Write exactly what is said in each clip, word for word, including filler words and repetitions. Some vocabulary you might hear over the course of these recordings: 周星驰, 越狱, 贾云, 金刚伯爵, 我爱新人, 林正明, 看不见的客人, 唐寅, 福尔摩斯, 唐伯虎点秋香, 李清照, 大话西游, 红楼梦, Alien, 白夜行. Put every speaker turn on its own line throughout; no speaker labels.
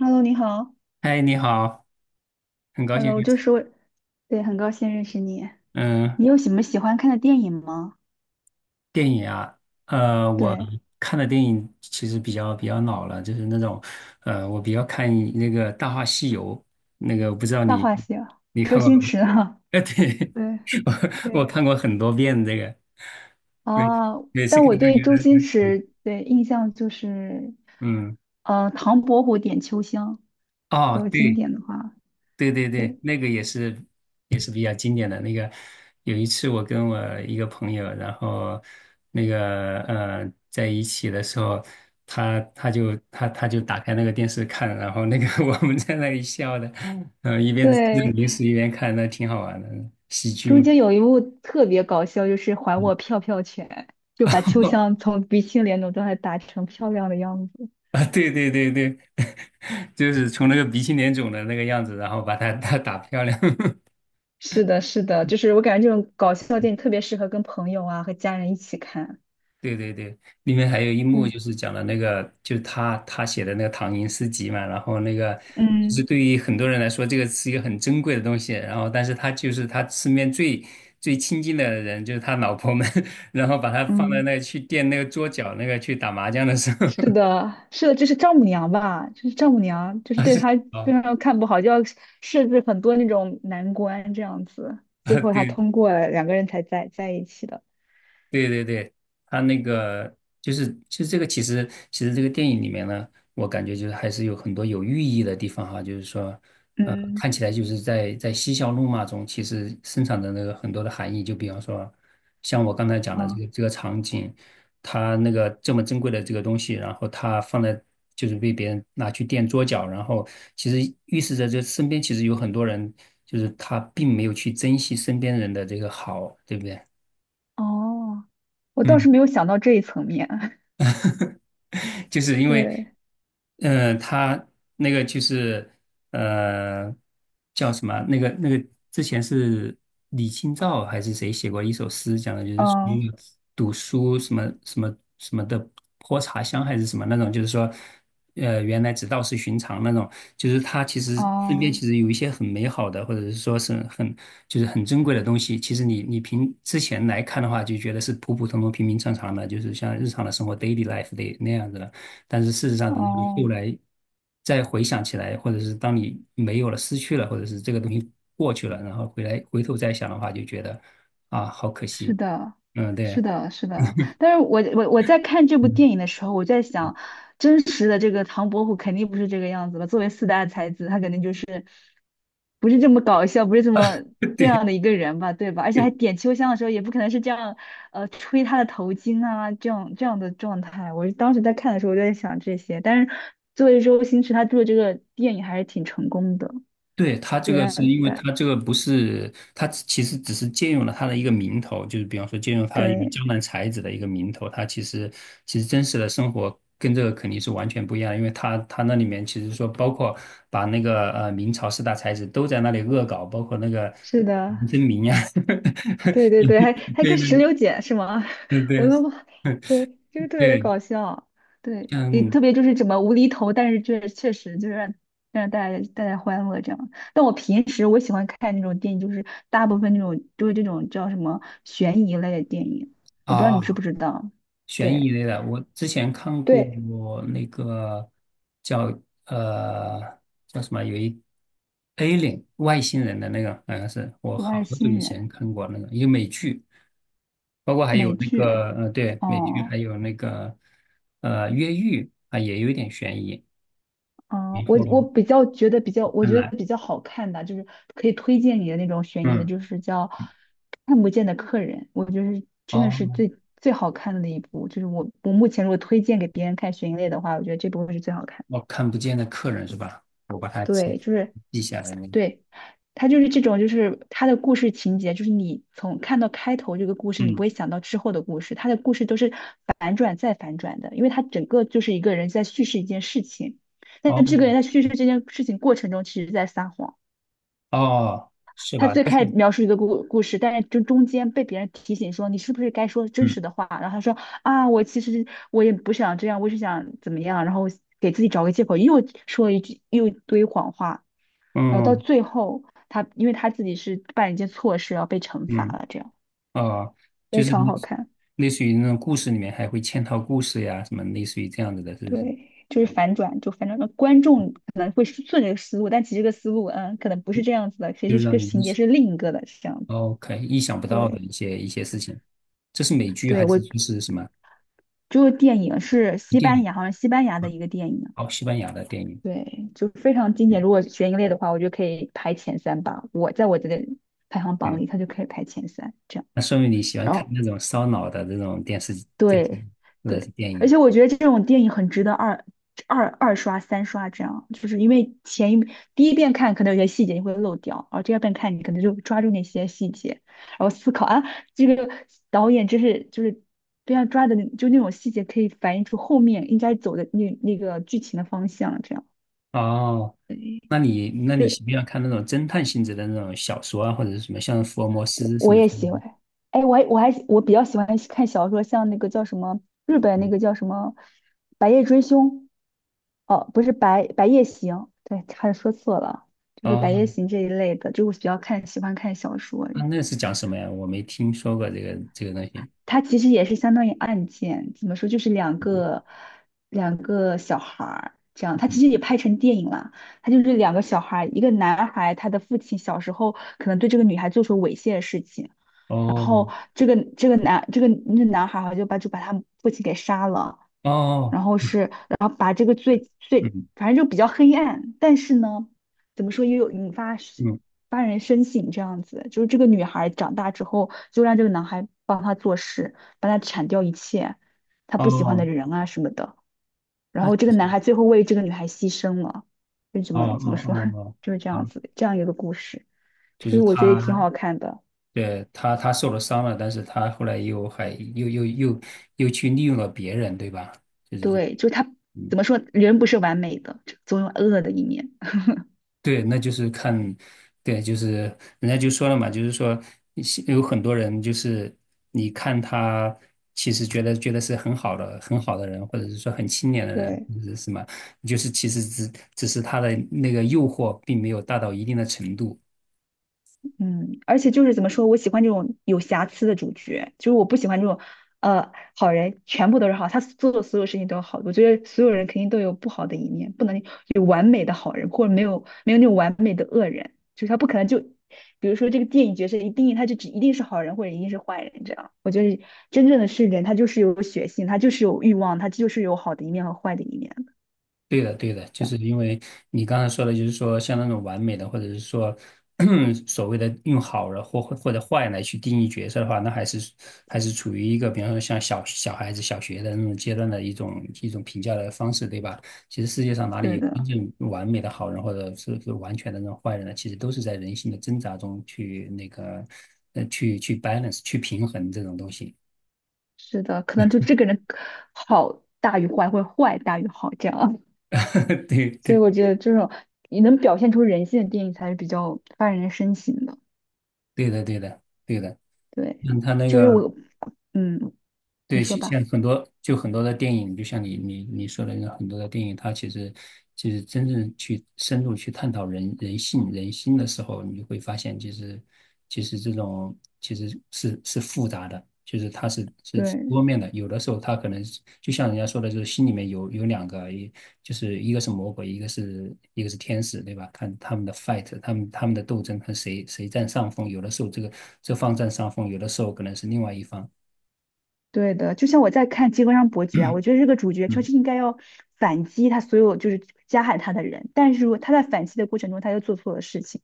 Hello，你好。
嗨，你好，很高兴
Hello，
认
就
识。
是我，对，很高兴认识你。
嗯，
你有什么喜欢看的电影吗？
电影啊，呃，我
对，
看的电影其实比较比较老了，就是那种，呃，我比较看那个《大话西游》，那个我不知道
《大
你
话西游》，
你
周
看过
星
吗？
驰啊。
呃，对，
对
我我
对，
看过很多遍这个，每
啊，
每次
但
看
我
都
对
觉
周
得，
星驰的印象就是，
嗯，
呃，《唐伯虎点秋香》，如
哦，
果经
对，
典的话，
对对对，
对
那个也是也是比较经典的。那个有一次我跟我一个朋友，然后那个呃在一起的时候，他他就他他就打开那个电视看，然后那个 我们在那里笑的，呃一边吃着
对，
零食一边看，那挺好玩的，喜剧
中
嘛。
间有一幕特别搞笑，就是还我票票拳，就把秋香 从鼻青脸肿状态打成漂亮的样子。
啊，对对对对，就是从那个鼻青脸肿的那个样子，然后把他他打漂亮。
是的，是的，就是我感觉这种搞笑电影特别适合跟朋友啊和家人一起看。
对对对，里面还有一幕
对，
就是讲的那个，就是他他写的那个唐寅诗集嘛，然后那个就是
嗯
对于很多人来说，这个是一个很珍贵的东西，然后但是他就是他身边最最亲近的人，就是他老婆们，然后把他放在
嗯，
那去垫那个桌角那个去打麻将的时候，
是的，是的，就是丈母娘吧，就是丈母娘，就是
他
对
是
她非
啊
常看不好，就要设置很多那种难关这样子，
啊，
最 后她
对
通过了，两个人才在在一起的。
对对对，他那个就是其实这个其实其实这个电影里面呢，我感觉就是还是有很多有寓意的地方哈，就是说，呃，
嗯，
看起来就是在在嬉笑怒骂中，其实生产的那个很多的含义，就比方说，像我刚才讲的这
啊，
个这个场景，他那个这么珍贵的这个东西，然后他放在就是被别人拿去垫桌脚，然后其实预示着这身边其实有很多人，就是他并没有去珍惜身边人的这个好，对不对？
哦，我倒
嗯
是没有想到这一层面。
就是因为，
对，
嗯、呃他那个就是呃，叫什么啊？那个那个之前是李清照还是谁写过一首诗，讲的就是属
嗯
于读书什么什么什么的泼茶香还是什么那种，就是说，呃，原来只道是寻常那种。就是他其实身边其
哦
实有一些很美好的，或者是说是很就是很珍贵的东西。其实你你凭之前来看的话，就觉得是普普通通、平平常常的，就是像日常的生活 daily life 的那样子的。但是事实上，
哦
等你后
哦，
来再回想起来，或者是当你没有了、失去了，或者是这个东西过去了，然后回来回头再想的话，就觉得啊，好可
是
惜。
的，
嗯，
是
对。
的，是的。但是我我我在看这部
嗯
电影的时候，我在想，真实的这个唐伯虎肯定不是这个样子吧？作为四大才子，他肯定就是不是这么搞笑，不是这么这样的一个人吧，对吧？而且还点秋香的时候，也不可能是这样，呃，吹他的头巾啊，这样这样的状态。我当时在看的时候，我就在想这些。但是作为周星驰，他做这个电影还是挺成功的，
对，它这
就
个
让
是因为
对
它这个不是，它其实只是借用了它的一个名头，就是比方说借用它一个
对，
江南才子的一个名头，它其实其实真实的生活跟这个肯定是完全不一样的因为它它那里面其实说包括把那个呃明朝四大才子都在那里恶搞，包括那个
是的。
林正明呀，
对对对，还还
对
跟石
对
榴姐是吗？
对
我
对
都，妈，对，就是特别
对，
搞笑，对，也
像
特别就是怎么无厘头，但是确确实就是让让大家带来欢乐这样。但我平时我喜欢看那种电影，就是大部分那种就是这种叫什么悬疑类的电影，我不知道你知
啊。
不知道？
悬疑
对
类的，我之前看过
对，
那个叫呃叫什么，有一 Alien 外星人的那个，好像是我
《我
好
爱
久
新
以
人》
前看过那个一个美剧，包括还有
美
那
剧，
个呃对美剧，还
哦。
有那个呃越狱啊，也有一点悬疑。
嗯，
没
我
错
我
哦，
比较觉得比较，我
看
觉
来
得比较好看的，就是可以推荐你的那种悬疑的，
嗯
就是叫《看不见的客人》，我觉得是真的是
哦，
最最好看的那一部。就是我我目前如果推荐给别人看悬疑类的话，我觉得这部会是最好看。
我看不见的客人是吧？我把它记
对，就是
记下来那个
对，他就是这种，就是他的故事情节，就是你从看到开头这个故事，你不
嗯
会想到之后的故事，他的故事都是反转再反转的，因为他整个就是一个人在叙事一件事情，但是
哦
这个人在叙事这件事情过程中，其实在撒谎。
哦是
他
吧？
最
就是
开始描述一个故故事，但是就中间被别人提醒说你是不是该说真
嗯
实的话，然后他说啊，我其实我也不想这样，我是想怎么样，然后给自己找个借口，又说一句又一堆谎话。然后到
嗯
最后他因为他自己是办了一件错事，然后被惩罚
嗯。
了，这样
哦，
非
就是
常
类
好
似
看。
类似于那种故事里面还会嵌套故事呀，什么类似于这样子的，是不是？
对，就是反转，就反转到观众可能会顺着这个思路，但其实这个思路嗯可能不是这样子的，其
就
实
是
这个
让你意
情节
想
是另一个的，是这样子。
OK 意想不到的
对，
一些一些事情。这是美剧
对
还
我
是就是什么
就是电影是西
电
班
影？
牙，好像西班牙的一个电影。
哦，西班牙的电影。
对，就非常经
嗯，
典。如果悬疑类的话，我觉得可以排前三吧。我在我这个排行榜
对，
里，它就可以排前三这样。
那说明你喜欢
然
看
后
那种烧脑的这种电视电视剧
对
或者是
对，
电
而
影。
且我觉得这种电影很值得二二二刷、三刷这样，就是因为前一第一遍看可能有些细节你会漏掉，然后第二遍看你可能就抓住那些细节，然后思考啊，这个导演真是就是对啊抓的那就那种细节可以反映出后面应该走的那那个剧情的方向，这样
哦，那你那你
就
喜不喜欢看那种侦探性质的那种小说啊，或者是什么像福尔摩斯什
我
么之
也
类
喜欢。
的？
哎，我还我还我比较喜欢看小说，像那个叫什么日本那个叫什么《白夜追凶》。哦，不是白白夜行，对，差点说错了，就是白夜
哦，
行这一类的，就是我比较看喜欢看小说，
啊，那是讲什么呀？我没听说过这个这个东西。
它其实也是相当于案件，怎么说，就是两个两个小孩儿这样，它其实也拍成电影了，它就是两个小孩儿，一个男孩，他的父亲小时候可能对这个女孩做出猥亵的事情，
哦
这个这个男这个那男孩好像就把就把他父亲给杀了。
哦，
然后是，然后把这个最最，
嗯
反正就比较黑暗，但是呢，怎么说也有引发是
嗯
发人深省这样子。就是这个女孩长大之后，就让这个男孩帮她做事，帮她铲掉一切她不喜欢的
哦，
人啊什么的。然
那
后
其
这个
实
男孩最后为这个女孩牺牲了，就怎
哦
么怎么
哦
说，
哦
就是这
哦，
样
哦，
子，这样一个故事，就
就
是
是
我觉得也
他，
挺好看的。
对他他受了伤了，但是他后来又还又又又又去利用了别人，对吧？
对，就是他怎么说，人不是完美的，总有恶的一面。
对，那就是看，对，就是人家就说了嘛，就是说是有很多人就是你看他其实觉得觉得是很好的很好的人，或者是说很清廉的人，
对。
或者是什么，就是其实只只是他的那个诱惑并没有大到一定的程度。
嗯，而且就是怎么说，我喜欢这种有瑕疵的主角，就是我不喜欢这种，呃，好人全部都是好，他做的所有事情都是好。我觉得所有人肯定都有不好的一面，不能有完美的好人，或者没有没有那种完美的恶人，就是他不可能就，比如说这个电影角色一定义他就只一定是好人或者一定是坏人这样。我觉得真正的是人，他就是有血性，他就是有欲望，他就是有好的一面和坏的一面。
对的，对的，就是因为你刚才说的，就是说像那种完美的，或者是说 所谓的用好人或或者坏来去定义角色的话，那还是还是处于一个，比方说像小小孩子小学的那种阶段的一种一种评价的方式，对吧？其实世界上哪里
对
有真
的，
正完美的好人，或者是是完全的那种坏人呢？其实都是在人性的挣扎中去那个呃去去 balance 去平衡这种东西。
是的，可能就这个人好大于坏，或者坏大于好这样。
对
所以
对
我觉得这种你能表现出人性的电影才是比较发人深省的。
对的对的对的。
对，
嗯，他那
就是
个，
我，嗯，你
对，
说
其
吧。
像很多就很多的电影，就像你你你说的那很多的电影，它其实其实真正去深入去探讨人人性人心的时候，你就会发现，其实其实这种其实是是复杂的，就是它是是
对，
多面的。有的时候它可能是就像人家说的，就是心里面有有两个，一就是一个是魔鬼，一个是一个是天使，对吧？看他们的 fight，他们他们的斗争，看谁谁占上风。有的时候这个这方占上风，有的时候可能是另外一方。
对的，就像我在看《金刚伯爵》啊，我觉得这个主 角就
嗯
是应该要反击他所有就是加害他的人，但是如果他在反击的过程中他又做错了事情，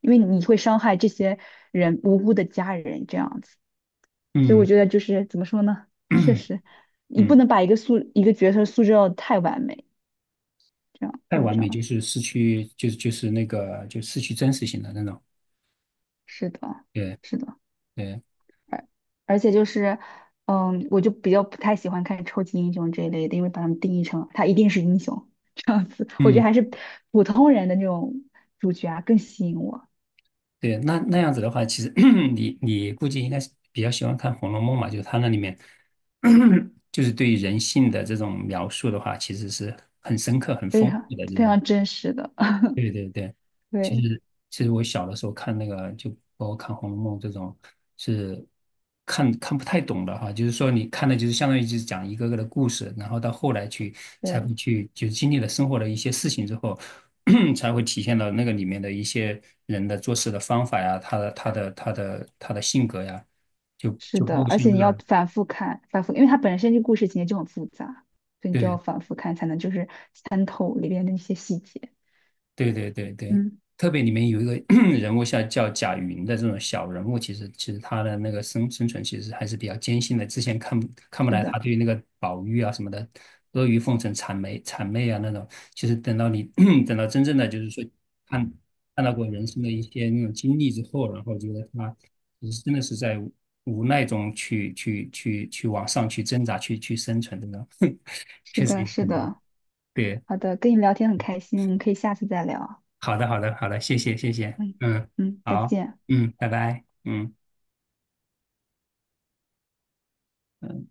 因为你会伤害这些人无辜的家人这样子，所以我
嗯
觉得就是怎么说呢，确 实你不
嗯，
能把一个素一个角色塑造得太完美，这样
太
就是
完
这
美就
样，
是失去，就是就是那个就失去真实性的那种。
是的。
对
是的。
对，
而而且就是，嗯，我就比较不太喜欢看超级英雄这一类的，因为把他们定义成他一定是英雄，我觉得
嗯
还是普通人的那种主角啊更吸引我，
对，那那样子的话，其实 你你估计应该是比较喜欢看《红楼梦》嘛，就是它那里面 就是对于人性的这种描述的话，其实是很深刻、很
非
丰
常
富的这
非
种。
常真实的，
对对对。其
对
实其实我小的时候看那个，就包括看《红楼梦》这种，是看看不太懂的哈。就是说，你看的就是相当于就是讲一个个的故事，然后到后来去才
对，
会去，就是经历了生活的一些事情之后，才会体现到那个里面的一些人的做事的方法呀，他的他的他的他的性格呀，就
是
就包
的，
括
而
像
且
这
你要
个
反复看，反复，因为它本身这故事情节就很复杂，所以你就要
对。
反复看才能就是参透里边的一些细节。
对对对对，
嗯，
特别里面有一个 人物像叫贾云的这种小人物，其实其实他的那个生生存其实还是比较艰辛的。之前看不看不
是
来他
的，
对那个宝玉啊什么的阿谀奉承、谄媚谄媚啊那种，其实等到你 等到真正的就是说看看到过人生的一些那种经历之后，然后觉得他其实真的是在无无奈中去去去去往上去挣扎、去去生存的呢，
是
确实
的，
有
是
很多
的，
对。
好的，跟你聊天很开心，我们可以下次再聊啊。
好的，好的，好的，谢谢，谢谢，
嗯
嗯，
嗯，再
好，
见。
嗯，拜拜，嗯。嗯。